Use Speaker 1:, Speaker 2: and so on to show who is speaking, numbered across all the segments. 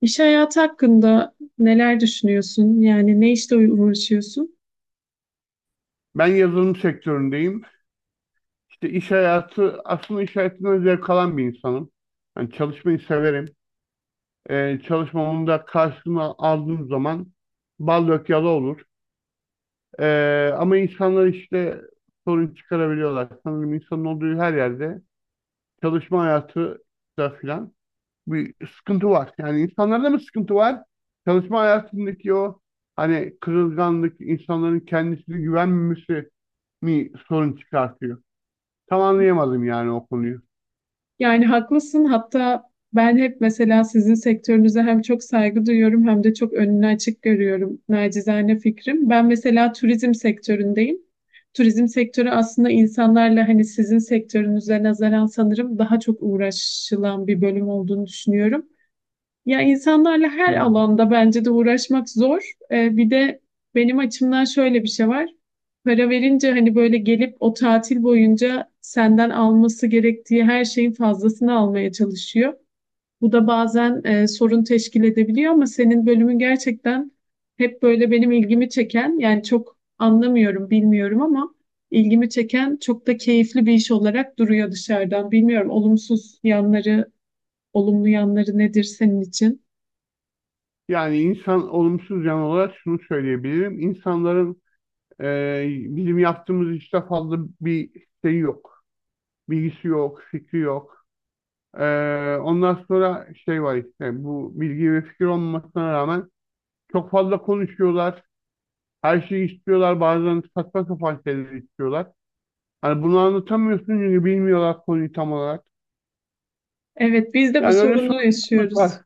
Speaker 1: İş hayatı hakkında neler düşünüyorsun? Yani ne işte uğraşıyorsun?
Speaker 2: Ben yazılım sektöründeyim. İşte iş hayatı, aslında iş hayatından zevk alan bir insanım. Yani çalışmayı severim. Çalışmamın da karşılığını aldığım zaman bal dök yala olur. Ama insanlar işte sorun çıkarabiliyorlar. Sanırım insanın olduğu her yerde çalışma hayatı da filan bir sıkıntı var. Yani insanlarda mı sıkıntı var? Çalışma hayatındaki o hani kırılganlık, insanların kendisine güvenmemesi mi sorun çıkartıyor? Tam anlayamadım yani o konuyu.
Speaker 1: Yani haklısın. Hatta ben hep mesela sizin sektörünüze hem çok saygı duyuyorum hem de çok önünü açık görüyorum. Nacizane fikrim. Ben mesela turizm sektöründeyim. Turizm sektörü aslında insanlarla hani sizin sektörünüze nazaran sanırım daha çok uğraşılan bir bölüm olduğunu düşünüyorum. Ya insanlarla her
Speaker 2: Hmm.
Speaker 1: alanda bence de uğraşmak zor. Bir de benim açımdan şöyle bir şey var. Para verince hani böyle gelip o tatil boyunca senden alması gerektiği her şeyin fazlasını almaya çalışıyor. Bu da bazen sorun teşkil edebiliyor ama senin bölümün gerçekten hep böyle benim ilgimi çeken, yani çok anlamıyorum, bilmiyorum ama ilgimi çeken çok da keyifli bir iş olarak duruyor dışarıdan. Bilmiyorum, olumsuz yanları, olumlu yanları nedir senin için?
Speaker 2: Yani insan olumsuz yan olarak şunu söyleyebilirim. İnsanların e, bizim yaptığımız işte fazla bir şey yok. Bilgisi yok, fikri yok. E, Ondan sonra şey var işte bu bilgi ve fikir olmasına rağmen çok fazla konuşuyorlar. Her şeyi istiyorlar. Bazen saçma sapan şeyleri istiyorlar. Hani bunu anlatamıyorsun çünkü bilmiyorlar konuyu tam olarak.
Speaker 1: Evet, biz de bu
Speaker 2: Yani öyle
Speaker 1: sorunu
Speaker 2: sorunlarımız
Speaker 1: yaşıyoruz.
Speaker 2: var.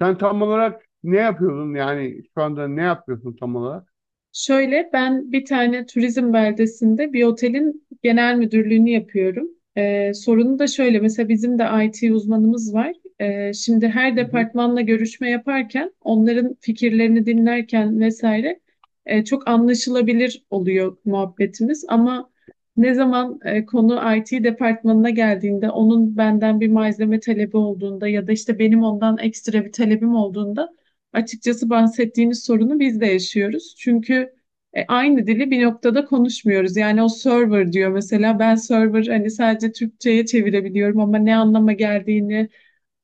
Speaker 2: Sen tam olarak ne yapıyordun yani şu anda ne yapıyorsun tam olarak?
Speaker 1: Şöyle, ben bir tane turizm beldesinde bir otelin genel müdürlüğünü yapıyorum. Sorunu da şöyle, mesela bizim de IT uzmanımız var. Şimdi her
Speaker 2: Hı hı.
Speaker 1: departmanla görüşme yaparken, onların fikirlerini dinlerken vesaire, çok anlaşılabilir oluyor muhabbetimiz. Ama ne zaman konu IT departmanına geldiğinde, onun benden bir malzeme talebi olduğunda ya da işte benim ondan ekstra bir talebim olduğunda, açıkçası bahsettiğiniz sorunu biz de yaşıyoruz. Çünkü aynı dili bir noktada konuşmuyoruz. Yani o server diyor mesela, ben server hani sadece Türkçe'ye çevirebiliyorum ama ne anlama geldiğini,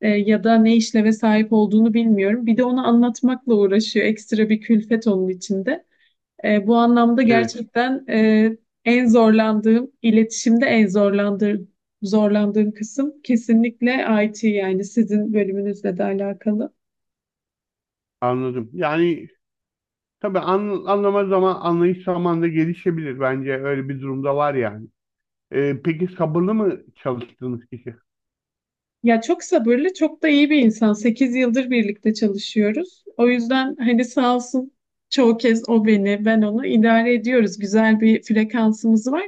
Speaker 1: ya da ne işleve sahip olduğunu bilmiyorum. Bir de onu anlatmakla uğraşıyor. Ekstra bir külfet onun içinde. Bu anlamda
Speaker 2: Evet,
Speaker 1: gerçekten en zorlandığım, iletişimde en zorlandığım kısım kesinlikle IT, yani sizin bölümünüzle de alakalı.
Speaker 2: anladım. Yani tabii anlama zaman anlayış zamanında gelişebilir bence öyle bir durumda var yani. Peki sabırlı mı çalıştığınız kişi?
Speaker 1: Ya çok sabırlı, çok da iyi bir insan. 8 yıldır birlikte çalışıyoruz. O yüzden hani sağ olsun, çoğu kez o beni, ben onu idare ediyoruz. Güzel bir frekansımız var.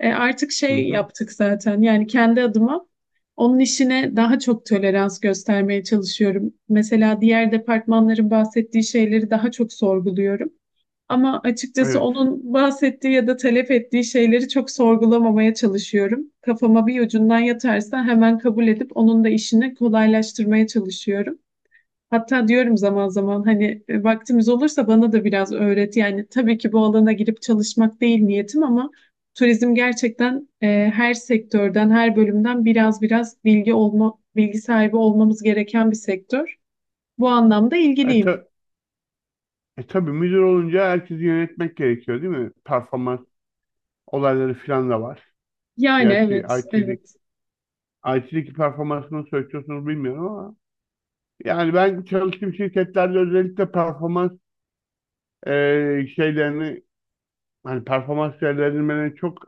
Speaker 1: Artık
Speaker 2: Hı
Speaker 1: şey
Speaker 2: hı.
Speaker 1: yaptık zaten. Yani kendi adıma onun işine daha çok tolerans göstermeye çalışıyorum. Mesela diğer departmanların bahsettiği şeyleri daha çok sorguluyorum. Ama açıkçası
Speaker 2: Evet.
Speaker 1: onun bahsettiği ya da talep ettiği şeyleri çok sorgulamamaya çalışıyorum. Kafama bir ucundan yatarsa hemen kabul edip onun da işini kolaylaştırmaya çalışıyorum. Hatta diyorum zaman zaman hani vaktimiz olursa bana da biraz öğret. Yani tabii ki bu alana girip çalışmak değil niyetim ama turizm gerçekten her sektörden, her bölümden biraz biraz bilgi olma, bilgi sahibi olmamız gereken bir sektör. Bu anlamda
Speaker 2: E,
Speaker 1: ilgiliyim.
Speaker 2: ta- tabii müdür olunca herkesi yönetmek gerekiyor değil mi? Performans olayları falan da var.
Speaker 1: Yani
Speaker 2: Gerçi
Speaker 1: evet, evet.
Speaker 2: IT'deki performansını söylüyorsunuz bilmiyorum ama yani ben çalıştığım şirketlerde özellikle performans şeylerini hani performans değerlendirmelerini çok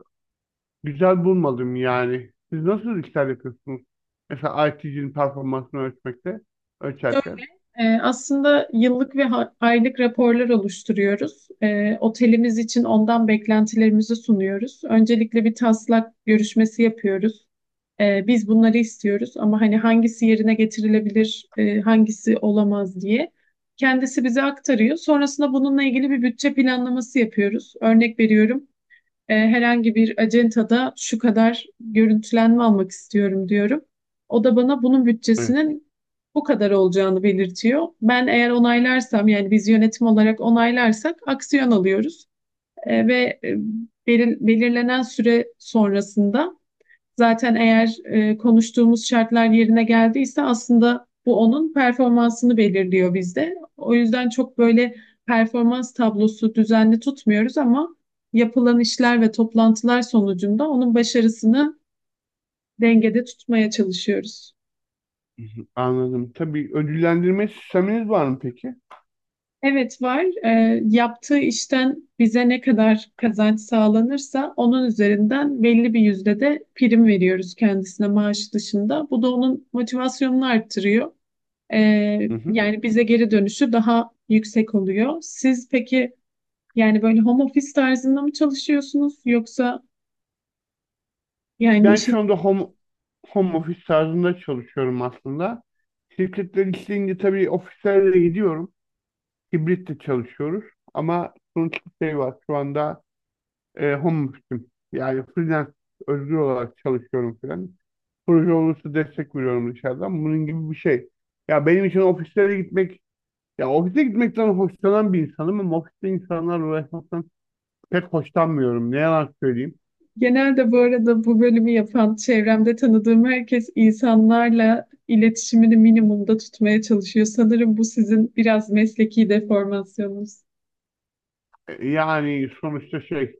Speaker 2: güzel bulmadım yani. Siz nasıl işler yapıyorsunuz? Mesela IT'cinin performansını ölçerken.
Speaker 1: Aslında yıllık ve aylık raporlar oluşturuyoruz. Otelimiz için ondan beklentilerimizi sunuyoruz. Öncelikle bir taslak görüşmesi yapıyoruz. Biz bunları istiyoruz ama hani hangisi yerine getirilebilir, hangisi olamaz diye. Kendisi bize aktarıyor. Sonrasında bununla ilgili bir bütçe planlaması yapıyoruz. Örnek veriyorum. Herhangi bir acentada şu kadar görüntülenme almak istiyorum diyorum. O da bana bunun
Speaker 2: Evet.
Speaker 1: bütçesinin bu kadar olacağını belirtiyor. Ben eğer onaylarsam, yani biz yönetim olarak onaylarsak aksiyon alıyoruz. Ve belirlenen süre sonrasında, zaten eğer konuştuğumuz şartlar yerine geldiyse, aslında bu onun performansını belirliyor bizde. O yüzden çok böyle performans tablosu düzenli tutmuyoruz ama yapılan işler ve toplantılar sonucunda onun başarısını dengede tutmaya çalışıyoruz.
Speaker 2: Hı hı, anladım. Tabii ödüllendirme sisteminiz var mı peki?
Speaker 1: Evet, var. Yaptığı işten bize ne kadar kazanç sağlanırsa onun üzerinden belli bir yüzde de prim veriyoruz kendisine, maaş dışında. Bu da onun motivasyonunu arttırıyor.
Speaker 2: Hı hı.
Speaker 1: Yani bize geri dönüşü daha yüksek oluyor. Siz peki yani böyle home office tarzında mı çalışıyorsunuz yoksa yani
Speaker 2: Ben
Speaker 1: işi
Speaker 2: şu anda home office tarzında çalışıyorum aslında. Şirketler isteyince tabii ofislerle gidiyorum. Hibrit de çalışıyoruz. Ama sonuç bir şey var. Şu anda home office'im. Yani freelance özgür olarak çalışıyorum falan. Proje olursa destek veriyorum dışarıdan. Bunun gibi bir şey. Ya benim için ofislere gitmek, Ya ofise gitmekten hoşlanan bir insanım ama ofiste insanlarla uğraşmaktan pek hoşlanmıyorum. Ne yalan söyleyeyim.
Speaker 1: genelde, bu arada, bu bölümü yapan çevremde tanıdığım herkes insanlarla iletişimini minimumda tutmaya çalışıyor. Sanırım bu sizin biraz mesleki deformasyonunuz.
Speaker 2: Yani sonuçta şey,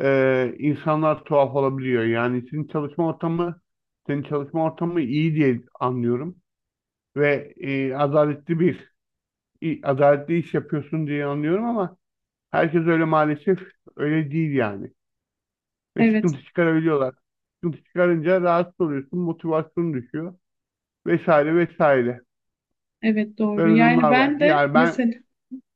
Speaker 2: e, insanlar tuhaf olabiliyor. Senin çalışma ortamı iyi diye anlıyorum ve adaletli bir adaletli iş yapıyorsun diye anlıyorum ama herkes öyle maalesef öyle değil yani. Ve
Speaker 1: Evet,
Speaker 2: sıkıntı çıkarabiliyorlar. Sıkıntı çıkarınca rahatsız oluyorsun, motivasyonun düşüyor vesaire vesaire.
Speaker 1: evet doğru.
Speaker 2: Böyle
Speaker 1: Yani
Speaker 2: durumlar var.
Speaker 1: ben de
Speaker 2: Yani ben
Speaker 1: mesela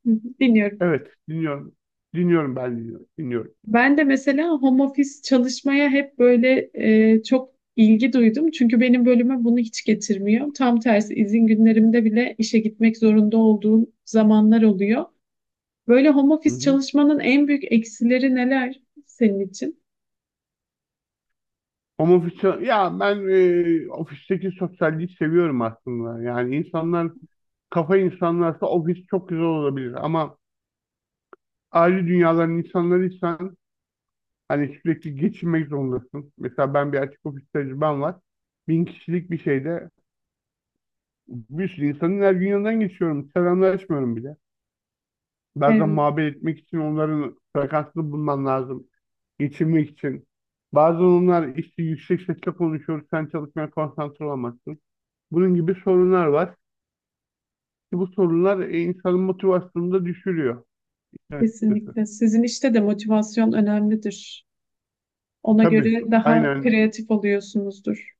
Speaker 1: Hı hı, dinliyorum.
Speaker 2: evet dinliyorum. Dinliyorum ben dinliyorum. Dinliyorum.
Speaker 1: Ben de mesela home office çalışmaya hep böyle çok ilgi duydum. Çünkü benim bölüme bunu hiç getirmiyor. Tam tersi izin günlerimde bile işe gitmek zorunda olduğum zamanlar oluyor. Böyle home
Speaker 2: Hı
Speaker 1: office
Speaker 2: hı.
Speaker 1: çalışmanın en büyük eksileri neler senin için?
Speaker 2: Homofiksiyel, ya ben ofisteki sosyalliği seviyorum aslında. Yani insanlar, kafa insanlarsa ofis çok güzel olabilir ama ayrı dünyaların insanlarıysan hani sürekli geçinmek zorundasın. Mesela ben bir açık ofis tecrübem var. Bin kişilik bir şeyde bir sürü insanın her gün yanından geçiyorum. Selamlaşmıyorum bile. Bazen
Speaker 1: Evet,
Speaker 2: muhabbet etmek için onların frekansını bulman lazım. Geçinmek için. Bazen onlar işte yüksek sesle konuşuyor. Sen çalışmaya konsantre olamazsın. Bunun gibi sorunlar var. Ki bu sorunlar insanın motivasyonunu da düşürüyor. Evet. Açıkçası.
Speaker 1: kesinlikle. Sizin işte de motivasyon önemlidir. Ona
Speaker 2: Tabii.
Speaker 1: göre daha
Speaker 2: Aynen.
Speaker 1: kreatif oluyorsunuzdur.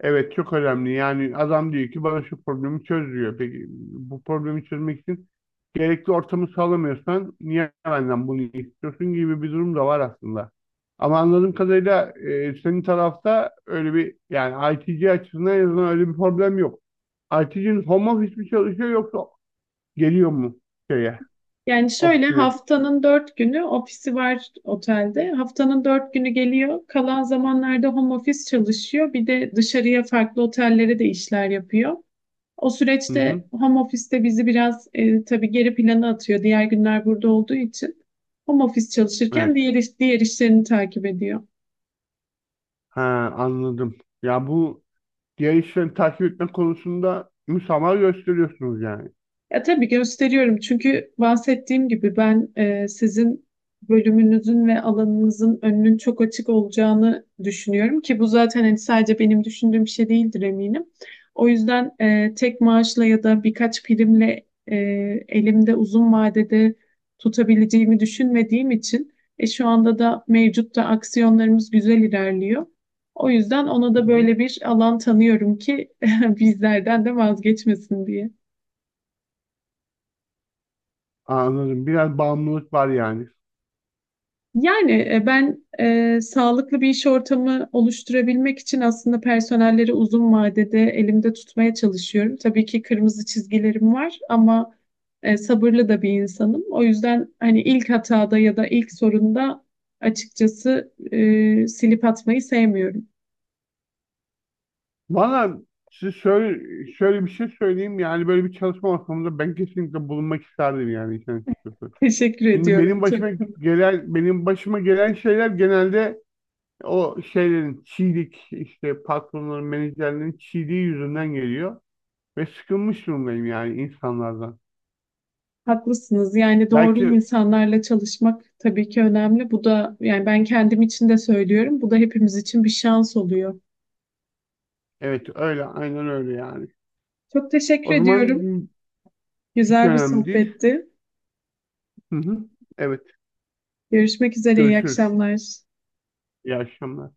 Speaker 2: Evet, çok önemli. Yani adam diyor ki bana şu problemi çöz diyor. Peki bu problemi çözmek için gerekli ortamı sağlamıyorsan niye benden bunu istiyorsun gibi bir durum da var aslında. Ama anladığım kadarıyla senin tarafta öyle bir yani ITC açısından en azından öyle bir problem yok. ITC'nin home office mi çalışıyor yoksa geliyor mu şeye,
Speaker 1: Yani şöyle,
Speaker 2: ofisine?
Speaker 1: haftanın dört günü ofisi var otelde. Haftanın dört günü geliyor. Kalan zamanlarda home office çalışıyor. Bir de dışarıya farklı otellere de işler yapıyor. O
Speaker 2: Hı hı.
Speaker 1: süreçte home office'te bizi biraz tabii geri plana atıyor. Diğer günler burada olduğu için. Home office çalışırken
Speaker 2: Evet.
Speaker 1: diğer işlerini takip ediyor.
Speaker 2: Ha, anladım. Ya bu diğer işleri takip etme konusunda müsamaha gösteriyorsunuz yani.
Speaker 1: Ya tabii gösteriyorum çünkü bahsettiğim gibi ben, sizin bölümünüzün ve alanınızın önünün çok açık olacağını düşünüyorum ki bu zaten hani sadece benim düşündüğüm bir şey değildir eminim. O yüzden tek maaşla ya da birkaç primle elimde uzun vadede tutabileceğimi düşünmediğim için, şu anda da mevcut da aksiyonlarımız güzel ilerliyor. O yüzden ona
Speaker 2: Hı
Speaker 1: da
Speaker 2: hı.
Speaker 1: böyle bir alan tanıyorum ki bizlerden de vazgeçmesin diye.
Speaker 2: Anladım. Biraz bağımlılık var yani.
Speaker 1: Yani ben, sağlıklı bir iş ortamı oluşturabilmek için aslında personelleri uzun vadede elimde tutmaya çalışıyorum. Tabii ki kırmızı çizgilerim var ama sabırlı da bir insanım. O yüzden hani ilk hatada ya da ilk sorunda açıkçası silip atmayı sevmiyorum.
Speaker 2: Valla size şöyle, şöyle bir şey söyleyeyim yani böyle bir çalışma ortamında ben kesinlikle bulunmak isterdim yani işin açıkçası.
Speaker 1: Teşekkür
Speaker 2: Çünkü
Speaker 1: ediyorum. Çok
Speaker 2: benim başıma gelen şeyler genelde o şeylerin çiğlik işte patronların menajerlerin çiğliği yüzünden geliyor ve sıkılmış durumdayım yani insanlardan.
Speaker 1: haklısınız. Yani doğru
Speaker 2: Belki
Speaker 1: insanlarla çalışmak tabii ki önemli. Bu da, yani ben kendim için de söylüyorum, bu da hepimiz için bir şans oluyor.
Speaker 2: evet öyle aynen öyle yani.
Speaker 1: Çok teşekkür
Speaker 2: O zaman
Speaker 1: ediyorum.
Speaker 2: hiç
Speaker 1: Güzel bir
Speaker 2: önemli değil.
Speaker 1: sohbetti.
Speaker 2: Hı hı. Evet,
Speaker 1: Görüşmek üzere. İyi
Speaker 2: görüşürüz.
Speaker 1: akşamlar.
Speaker 2: İyi akşamlar.